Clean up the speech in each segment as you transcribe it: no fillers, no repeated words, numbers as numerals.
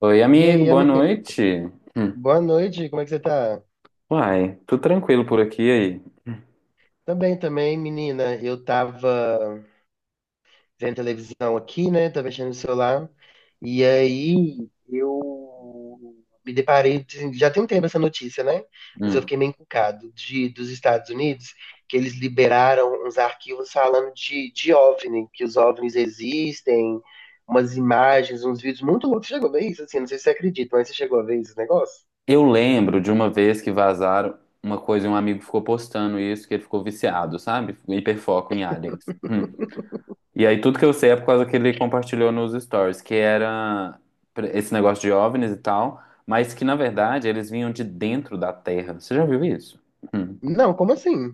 Oi, E amigo, aí, boa amigo? noite. Hum. Boa noite, como é que você tá? Uai, tudo tranquilo por aqui e aí? Também, também, menina. Eu tava vendo televisão aqui, né? Tava mexendo no celular. E aí, eu me deparei. Já tem um tempo essa notícia, né? Mas eu fiquei Hum. meio encucado dos Estados Unidos, que eles liberaram uns arquivos falando de OVNI, que os OVNIs existem, umas imagens, uns vídeos muito loucos. Você chegou a ver isso? Assim, não sei se você acredita, mas você chegou a ver esse negócio? Eu lembro de uma vez que vazaram uma coisa e um amigo ficou postando isso, que ele ficou viciado, sabe? Hiperfoco em aliens. Hum. E aí tudo que eu sei é por causa que ele compartilhou nos stories, que era esse negócio de OVNIs e tal, mas que na verdade eles vinham de dentro da Terra. Você já viu isso? Hum. Não, como assim?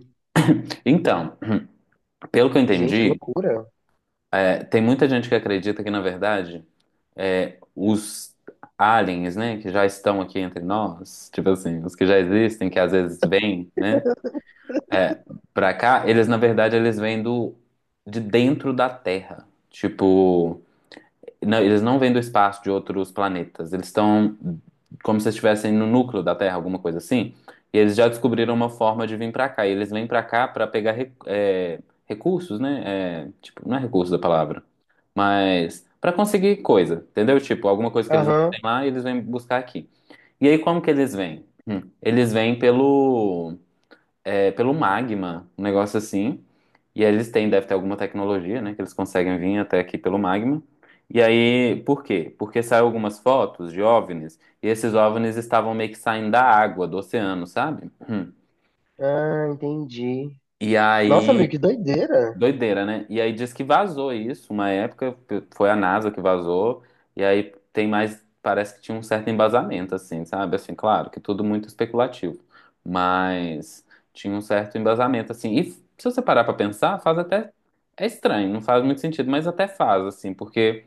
Então, pelo que eu Gente, que entendi, loucura. é, tem muita gente que acredita que na verdade, é, os aliens, né, que já estão aqui entre nós, tipo assim, os que já existem, que às vezes vêm, né, é, pra cá. Eles, na verdade, eles vêm do, de dentro da Terra. Tipo, não, eles não vêm do espaço de outros planetas. Eles estão como se estivessem no núcleo da Terra, alguma coisa assim. E eles já descobriram uma forma de vir pra cá. E eles vêm pra cá pra pegar recursos, né? É, tipo, não é recurso da palavra, mas pra conseguir coisa, entendeu? Tipo, alguma coisa que eles não têm Aham. lá, eles vêm buscar aqui. E aí, como que eles vêm? Eles vêm pelo magma, um negócio assim. E aí eles têm, deve ter alguma tecnologia, né, que eles conseguem vir até aqui pelo magma. E aí, por quê? Porque saiu algumas fotos de OVNIs, e esses OVNIs estavam meio que saindo da água, do oceano, sabe? Hum. Ah, entendi. E Nossa, amigo, aí, que doideira. doideira, né? E aí diz que vazou isso, uma época foi a NASA que vazou, e aí tem mais, parece que tinha um certo embasamento, assim, sabe? Assim, claro, que tudo muito especulativo, mas tinha um certo embasamento, assim. E se você parar pra pensar, faz até. É estranho, não faz muito sentido, mas até faz, assim, porque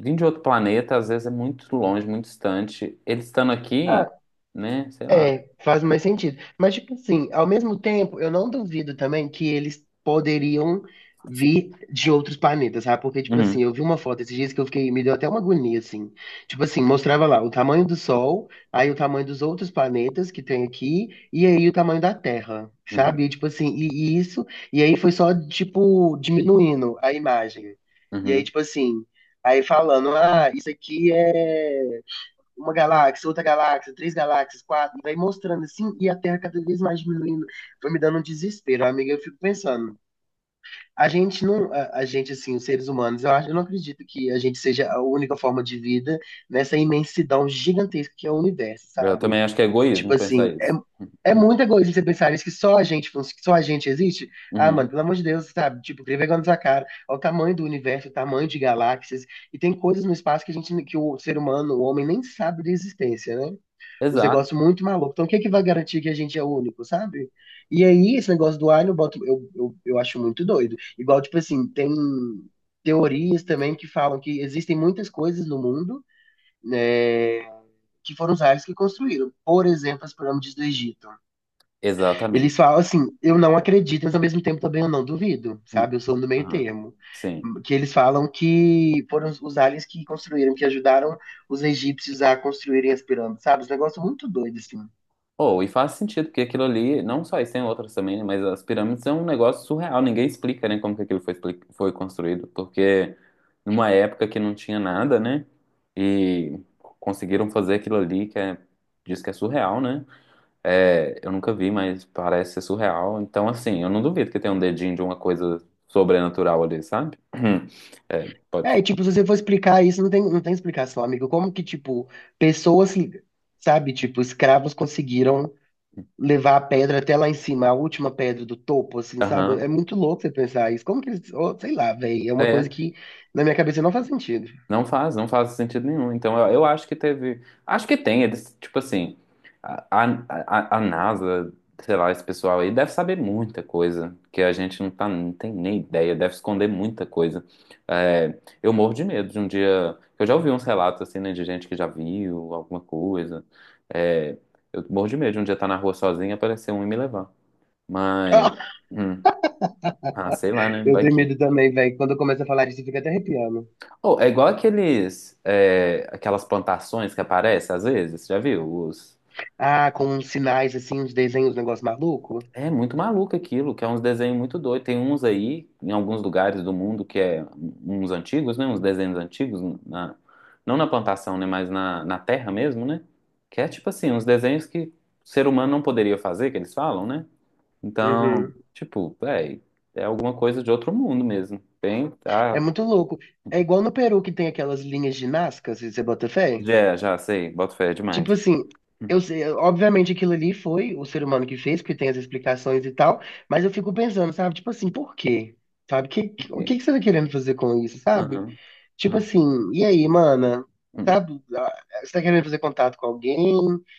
vir de outro planeta, às vezes, é muito longe, muito distante. Eles estando aqui, Ah, né? Sei lá. é, faz mais sentido. Mas, tipo assim, ao mesmo tempo, eu não duvido também que eles poderiam vir de outros planetas, sabe? Porque, tipo assim, Uhum, eu vi uma foto esses dias que eu fiquei, me deu até uma agonia, assim. Tipo assim, mostrava lá o tamanho do Sol, aí o tamanho dos outros planetas que tem aqui, e aí o tamanho da Terra, uhum, sabe? E, tipo assim, e isso, e aí foi só, tipo, diminuindo a imagem. E aí, uhum. tipo assim, aí falando, ah, isso aqui é uma galáxia, outra galáxia, três galáxias, quatro, vai mostrando assim, e a Terra cada vez mais diminuindo, foi me dando um desespero, amiga, eu fico pensando, a gente não, a gente assim, os seres humanos, eu acho, eu não acredito que a gente seja a única forma de vida nessa imensidão gigantesca que é o universo, Eu sabe? também acho que é Tipo egoísmo pensar assim, é, isso. é Uhum. muito egoísmo você pensar isso, que só a gente, que só a gente existe. Ah, mano, Uhum. pelo amor de Deus, sabe? Tipo, tem vergonha na sua cara. Olha o tamanho do universo, o tamanho de galáxias. E tem coisas no espaço que a gente, que o ser humano, o homem, nem sabe da existência, né? Os Exato. negócios muito malucos. Então, o que é que vai garantir que a gente é único, sabe? E aí, esse negócio do Alien, eu, boto, eu acho muito doido. Igual, tipo assim, tem teorias também que falam que existem muitas coisas no mundo, né, que foram os aliens que construíram. Por exemplo, as pirâmides do Egito. Eles Exatamente. falam assim, eu não acredito, mas ao mesmo tempo também eu não duvido, Hum. sabe? Eu sou no meio Aham. termo. Sim. Que eles falam que foram os aliens que construíram, que ajudaram os egípcios a construírem as pirâmides, sabe? Um negócio muito doido, assim. Ou e faz sentido, porque aquilo ali, não só isso, tem outras também, né, mas as pirâmides é um negócio surreal, ninguém explica, né, como que aquilo foi, foi construído, porque numa época que não tinha nada, né, e conseguiram fazer aquilo ali, que é, diz que é surreal, né, é, eu nunca vi, mas parece ser surreal, então, assim, eu não duvido que tenha um dedinho de uma coisa sobrenatural ali, sabe? É, É, pode. e, tipo, se você for explicar isso, não tem explicação, amigo. Como que, tipo, pessoas, sabe, tipo, escravos conseguiram levar a pedra até lá em cima, a última pedra do topo, assim, sabe? É Aham. muito louco você pensar isso. Como que eles. Oh, sei lá, velho. É uma coisa É. que na minha cabeça não faz sentido. Não faz, não faz sentido nenhum. Então, eu acho que teve. Acho que tem, eles, tipo assim, a NASA, sei lá, esse pessoal aí deve saber muita coisa que a gente não, tá, não tem nem ideia, deve esconder muita coisa. É, eu morro de medo de um dia. Eu já ouvi uns relatos assim, né, de gente que já viu alguma coisa. É, eu morro de medo de um dia estar na rua sozinho e aparecer um e me levar. Mas, Ah, hum, ah, sei lá, né? eu Vai tenho medo que. também, velho. Quando eu começo a falar disso, eu fico até arrepiando. Oh, é igual aqueles, é, aquelas plantações que aparecem às vezes, já viu? Os... Ah, com uns sinais, assim, uns desenhos, um negócio maluco. É muito maluco aquilo, que é uns desenhos muito doidos. Tem uns aí, em alguns lugares do mundo, que é uns antigos, né? Uns desenhos antigos, na... não na plantação, né? Mas na, na terra mesmo, né? Que é tipo assim, uns desenhos que o ser humano não poderia fazer, que eles falam, né? Então, Uhum. tipo, é alguma coisa de outro mundo mesmo. Tem, É tá? muito louco. É igual no Peru que tem aquelas linhas de Nazca, se você bota fé. Já sei, boto fé Tipo demais. assim, eu sei, obviamente aquilo ali foi o ser humano que fez, porque tem as explicações e tal, mas eu fico pensando, sabe? Tipo assim, por quê? Sabe? Que, Por que- o quê? que que você tá querendo fazer com isso, sabe? Aham, Tipo aham. assim, e aí, mana? Hum. Sabe? Ah, você tá querendo fazer contato com alguém?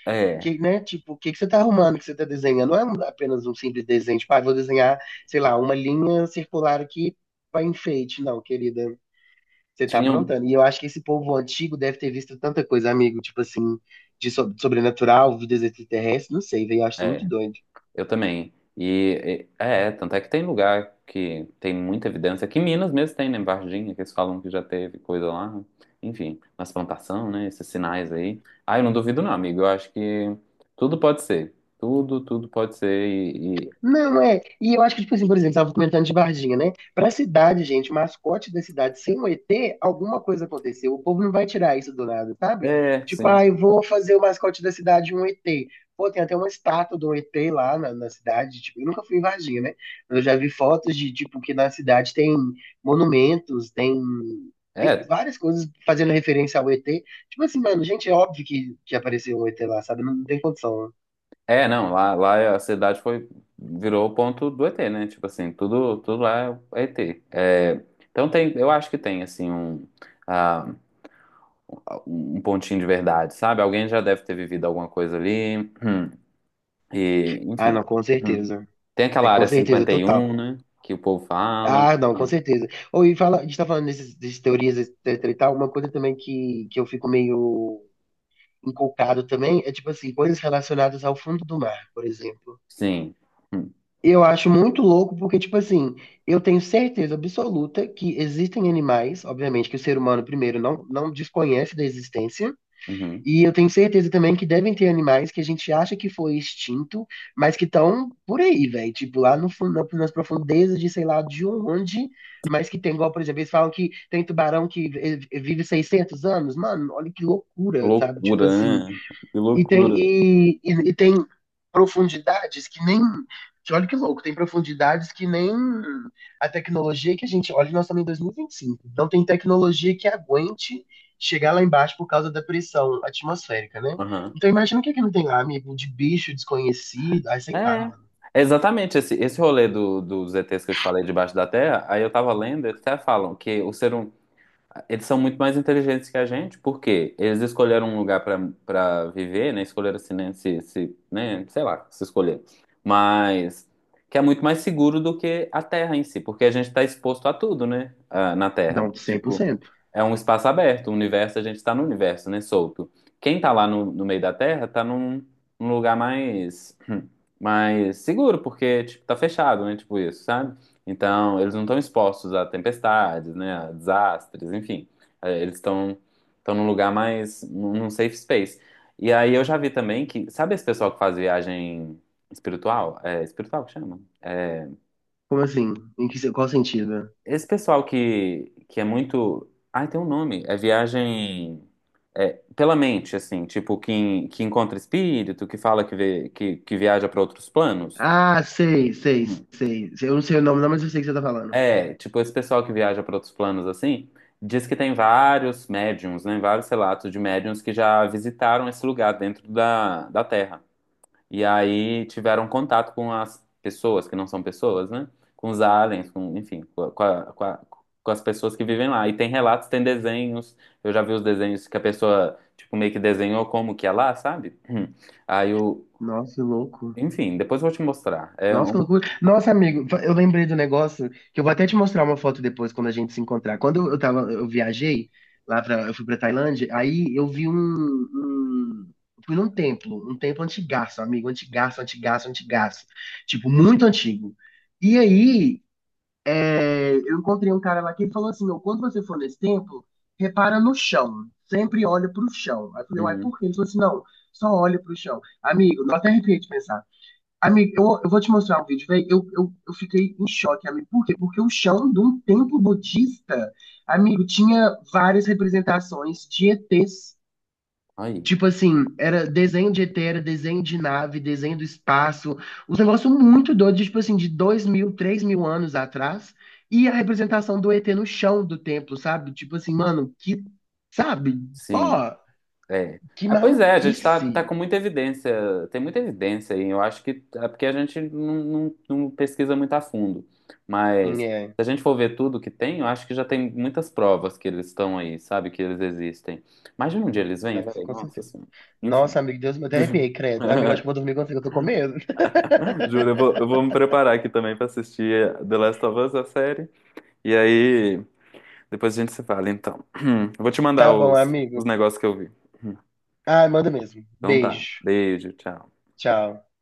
É, Que, né? Tipo, o que que você tá arrumando, que você tá desenhando? Não é apenas um simples desenho, tipo, ah, vou desenhar, sei lá, uma linha circular aqui pra enfeite, não, querida. Você tá tinham. aprontando. E eu acho que esse povo antigo deve ter visto tanta coisa, amigo, tipo assim, de sobrenatural, vidas extraterrestres, não sei, velho, eu acho isso muito É, doido. eu também. E tanto é que tem lugar que tem muita evidência, que Minas mesmo tem, né? Em Varginha, que eles falam que já teve coisa lá, né? Enfim, nas plantação, né? Esses sinais aí. Ah, eu não duvido, não, amigo. Eu acho que tudo pode ser. Tudo, tudo pode ser. E, Não, é. E eu acho que, tipo assim, por exemplo, tava comentando de Varginha, né? Pra cidade, gente, o mascote da cidade ser um ET, alguma coisa aconteceu. O povo não vai tirar isso do nada, sabe? Tipo, sim. ah, eu vou fazer o mascote da cidade um ET. Pô, tem até uma estátua do ET lá na cidade. Tipo, eu nunca fui em Varginha, né? Mas eu já vi fotos de, tipo, que na cidade tem monumentos, tem. Tem É, várias coisas fazendo referência ao ET. Tipo assim, mano, gente, é óbvio que, apareceu um ET lá, sabe? Não tem condição. é, não. Lá, lá a cidade foi. Virou o ponto do ET, né? Tipo assim, tudo, tudo lá é ET. É, então tem, eu acho que tem, assim, um. Um pontinho de verdade, sabe? Alguém já deve ter vivido alguma coisa ali. E, Ah, enfim. não, com Hum. certeza. Tem É aquela com área certeza, total. 51, né? Que o povo fala. Ah, não, com Hum. certeza. Ou e fala, a gente tá falando dessas, dessas teorias, etc e tal, uma coisa também que eu fico meio inculcado também é, tipo assim, coisas relacionadas ao fundo do mar, por exemplo. Sim. Hum, Eu acho muito louco porque, tipo assim, eu tenho certeza absoluta que existem animais, obviamente, que o ser humano, primeiro, não desconhece da existência, uhum. e eu tenho certeza também que devem ter animais que a gente acha que foi extinto, mas que estão por aí, velho. Tipo, lá no fundo, nas profundezas de sei lá de onde, mas que tem, igual, por exemplo, eles falam que tem tubarão que vive 600 anos. Mano, olha que Que loucura, sabe? Tipo assim, loucura, né? Que e tem, loucura. e, e, e tem profundidades que nem. Que olha que louco, tem profundidades que nem a tecnologia que a gente olha, nós estamos em dois mil e vinte e cinco. Então tem tecnologia que aguente chegar lá embaixo por causa da pressão atmosférica, né? Aham. Então imagina o que é que não tem lá, amigo, de bicho desconhecido. Ai, sei lá, É. mano. É, exatamente, esse rolê do, dos ETs que eu te falei debaixo da terra, aí eu tava lendo, eles até falam que o ser, eles são muito mais inteligentes que a gente, porque eles escolheram um lugar para viver, né? Escolheram assim, né? Se, né? Sei lá, se escolher. Mas que é muito mais seguro do que a Terra em si, porque a gente está exposto a tudo, né? Ah, na Terra. Não, cem por Tipo, cento é um espaço aberto, o universo, a gente está no universo, né? Solto. Quem tá lá no meio da Terra tá num lugar mais, mais seguro, porque, tipo, tá fechado, né? Tipo isso, sabe? Então, eles não estão expostos a tempestades, né, a desastres, enfim. É, eles estão num lugar mais, num safe space. E aí eu já vi também que, sabe esse pessoal que faz viagem espiritual? É, espiritual que chama? É, Como assim? Em que, qual sentido? esse pessoal que é muito. Ai, tem um nome. É viagem pela mente, assim, tipo, que encontra espírito, que fala que, vê, que viaja para outros planos. Ah, sei, sei, sei. Eu não sei o nome, não, mas eu sei o que você tá falando. É, tipo, esse pessoal que viaja para outros planos assim, diz que tem vários médiums, né? Vários relatos de médiums que já visitaram esse lugar dentro da Terra. E aí tiveram contato com as pessoas, que não são pessoas, né? Com os aliens, com, enfim, com as pessoas que vivem lá. E tem relatos, tem desenhos. Eu já vi os desenhos que a pessoa, tipo, meio que desenhou como que é lá, sabe? Aí o. Nossa, que louco. Enfim, depois eu vou te mostrar. É Nossa, um. que loucura. Nossa, amigo, eu lembrei do negócio que eu vou até te mostrar uma foto depois quando a gente se encontrar. Quando eu tava, eu viajei lá para, eu fui para Tailândia, aí eu fui num templo, um templo antigaço, amigo, antigaço, antigaço, antigaço, tipo muito antigo. E aí, é, eu encontrei um cara lá que falou assim, meu, quando você for nesse templo, repara no chão, sempre olha pro chão. Aí eu falei, uai, Uhum. por quê? Ele falou assim, não, só olha pro chão. Amigo, não até arrepiei de pensar. Amigo, eu vou te mostrar um vídeo, velho. Eu fiquei em choque, amigo. Por quê? Porque o chão de um templo budista, amigo, tinha várias representações de ETs. Aí, Tipo assim, era desenho de ET, era desenho de nave, desenho do espaço. Uns negócios muito doidos, tipo assim, de 2.000, 3.000 anos atrás. E a representação do ET no chão do templo, sabe? Tipo assim, mano, que. Sabe? Pô, sim. É. que Ah, pois é, a gente tá maluquice. com muita evidência, tem muita evidência aí. Eu acho que é porque a gente não pesquisa muito a fundo. Mas se É. a gente for ver tudo que tem, eu acho que já tem muitas provas que eles estão aí, sabe? Que eles existem. Imagina um dia eles vêm, Nossa, velho. com Nossa certeza. Senhora. Enfim. Nossa, amigo, Deus, me até arrepiei, credo. Amigo, acho que vou dormir contigo, eu tô com medo. Juro, eu vou me preparar aqui também pra assistir The Last of Us, a série. E aí, depois a gente se fala, então. Eu vou te mandar Tá bom, os amigo. negócios que eu vi. Ai, manda mesmo. Então tá. Beijo. Beijo, tchau. Tchau.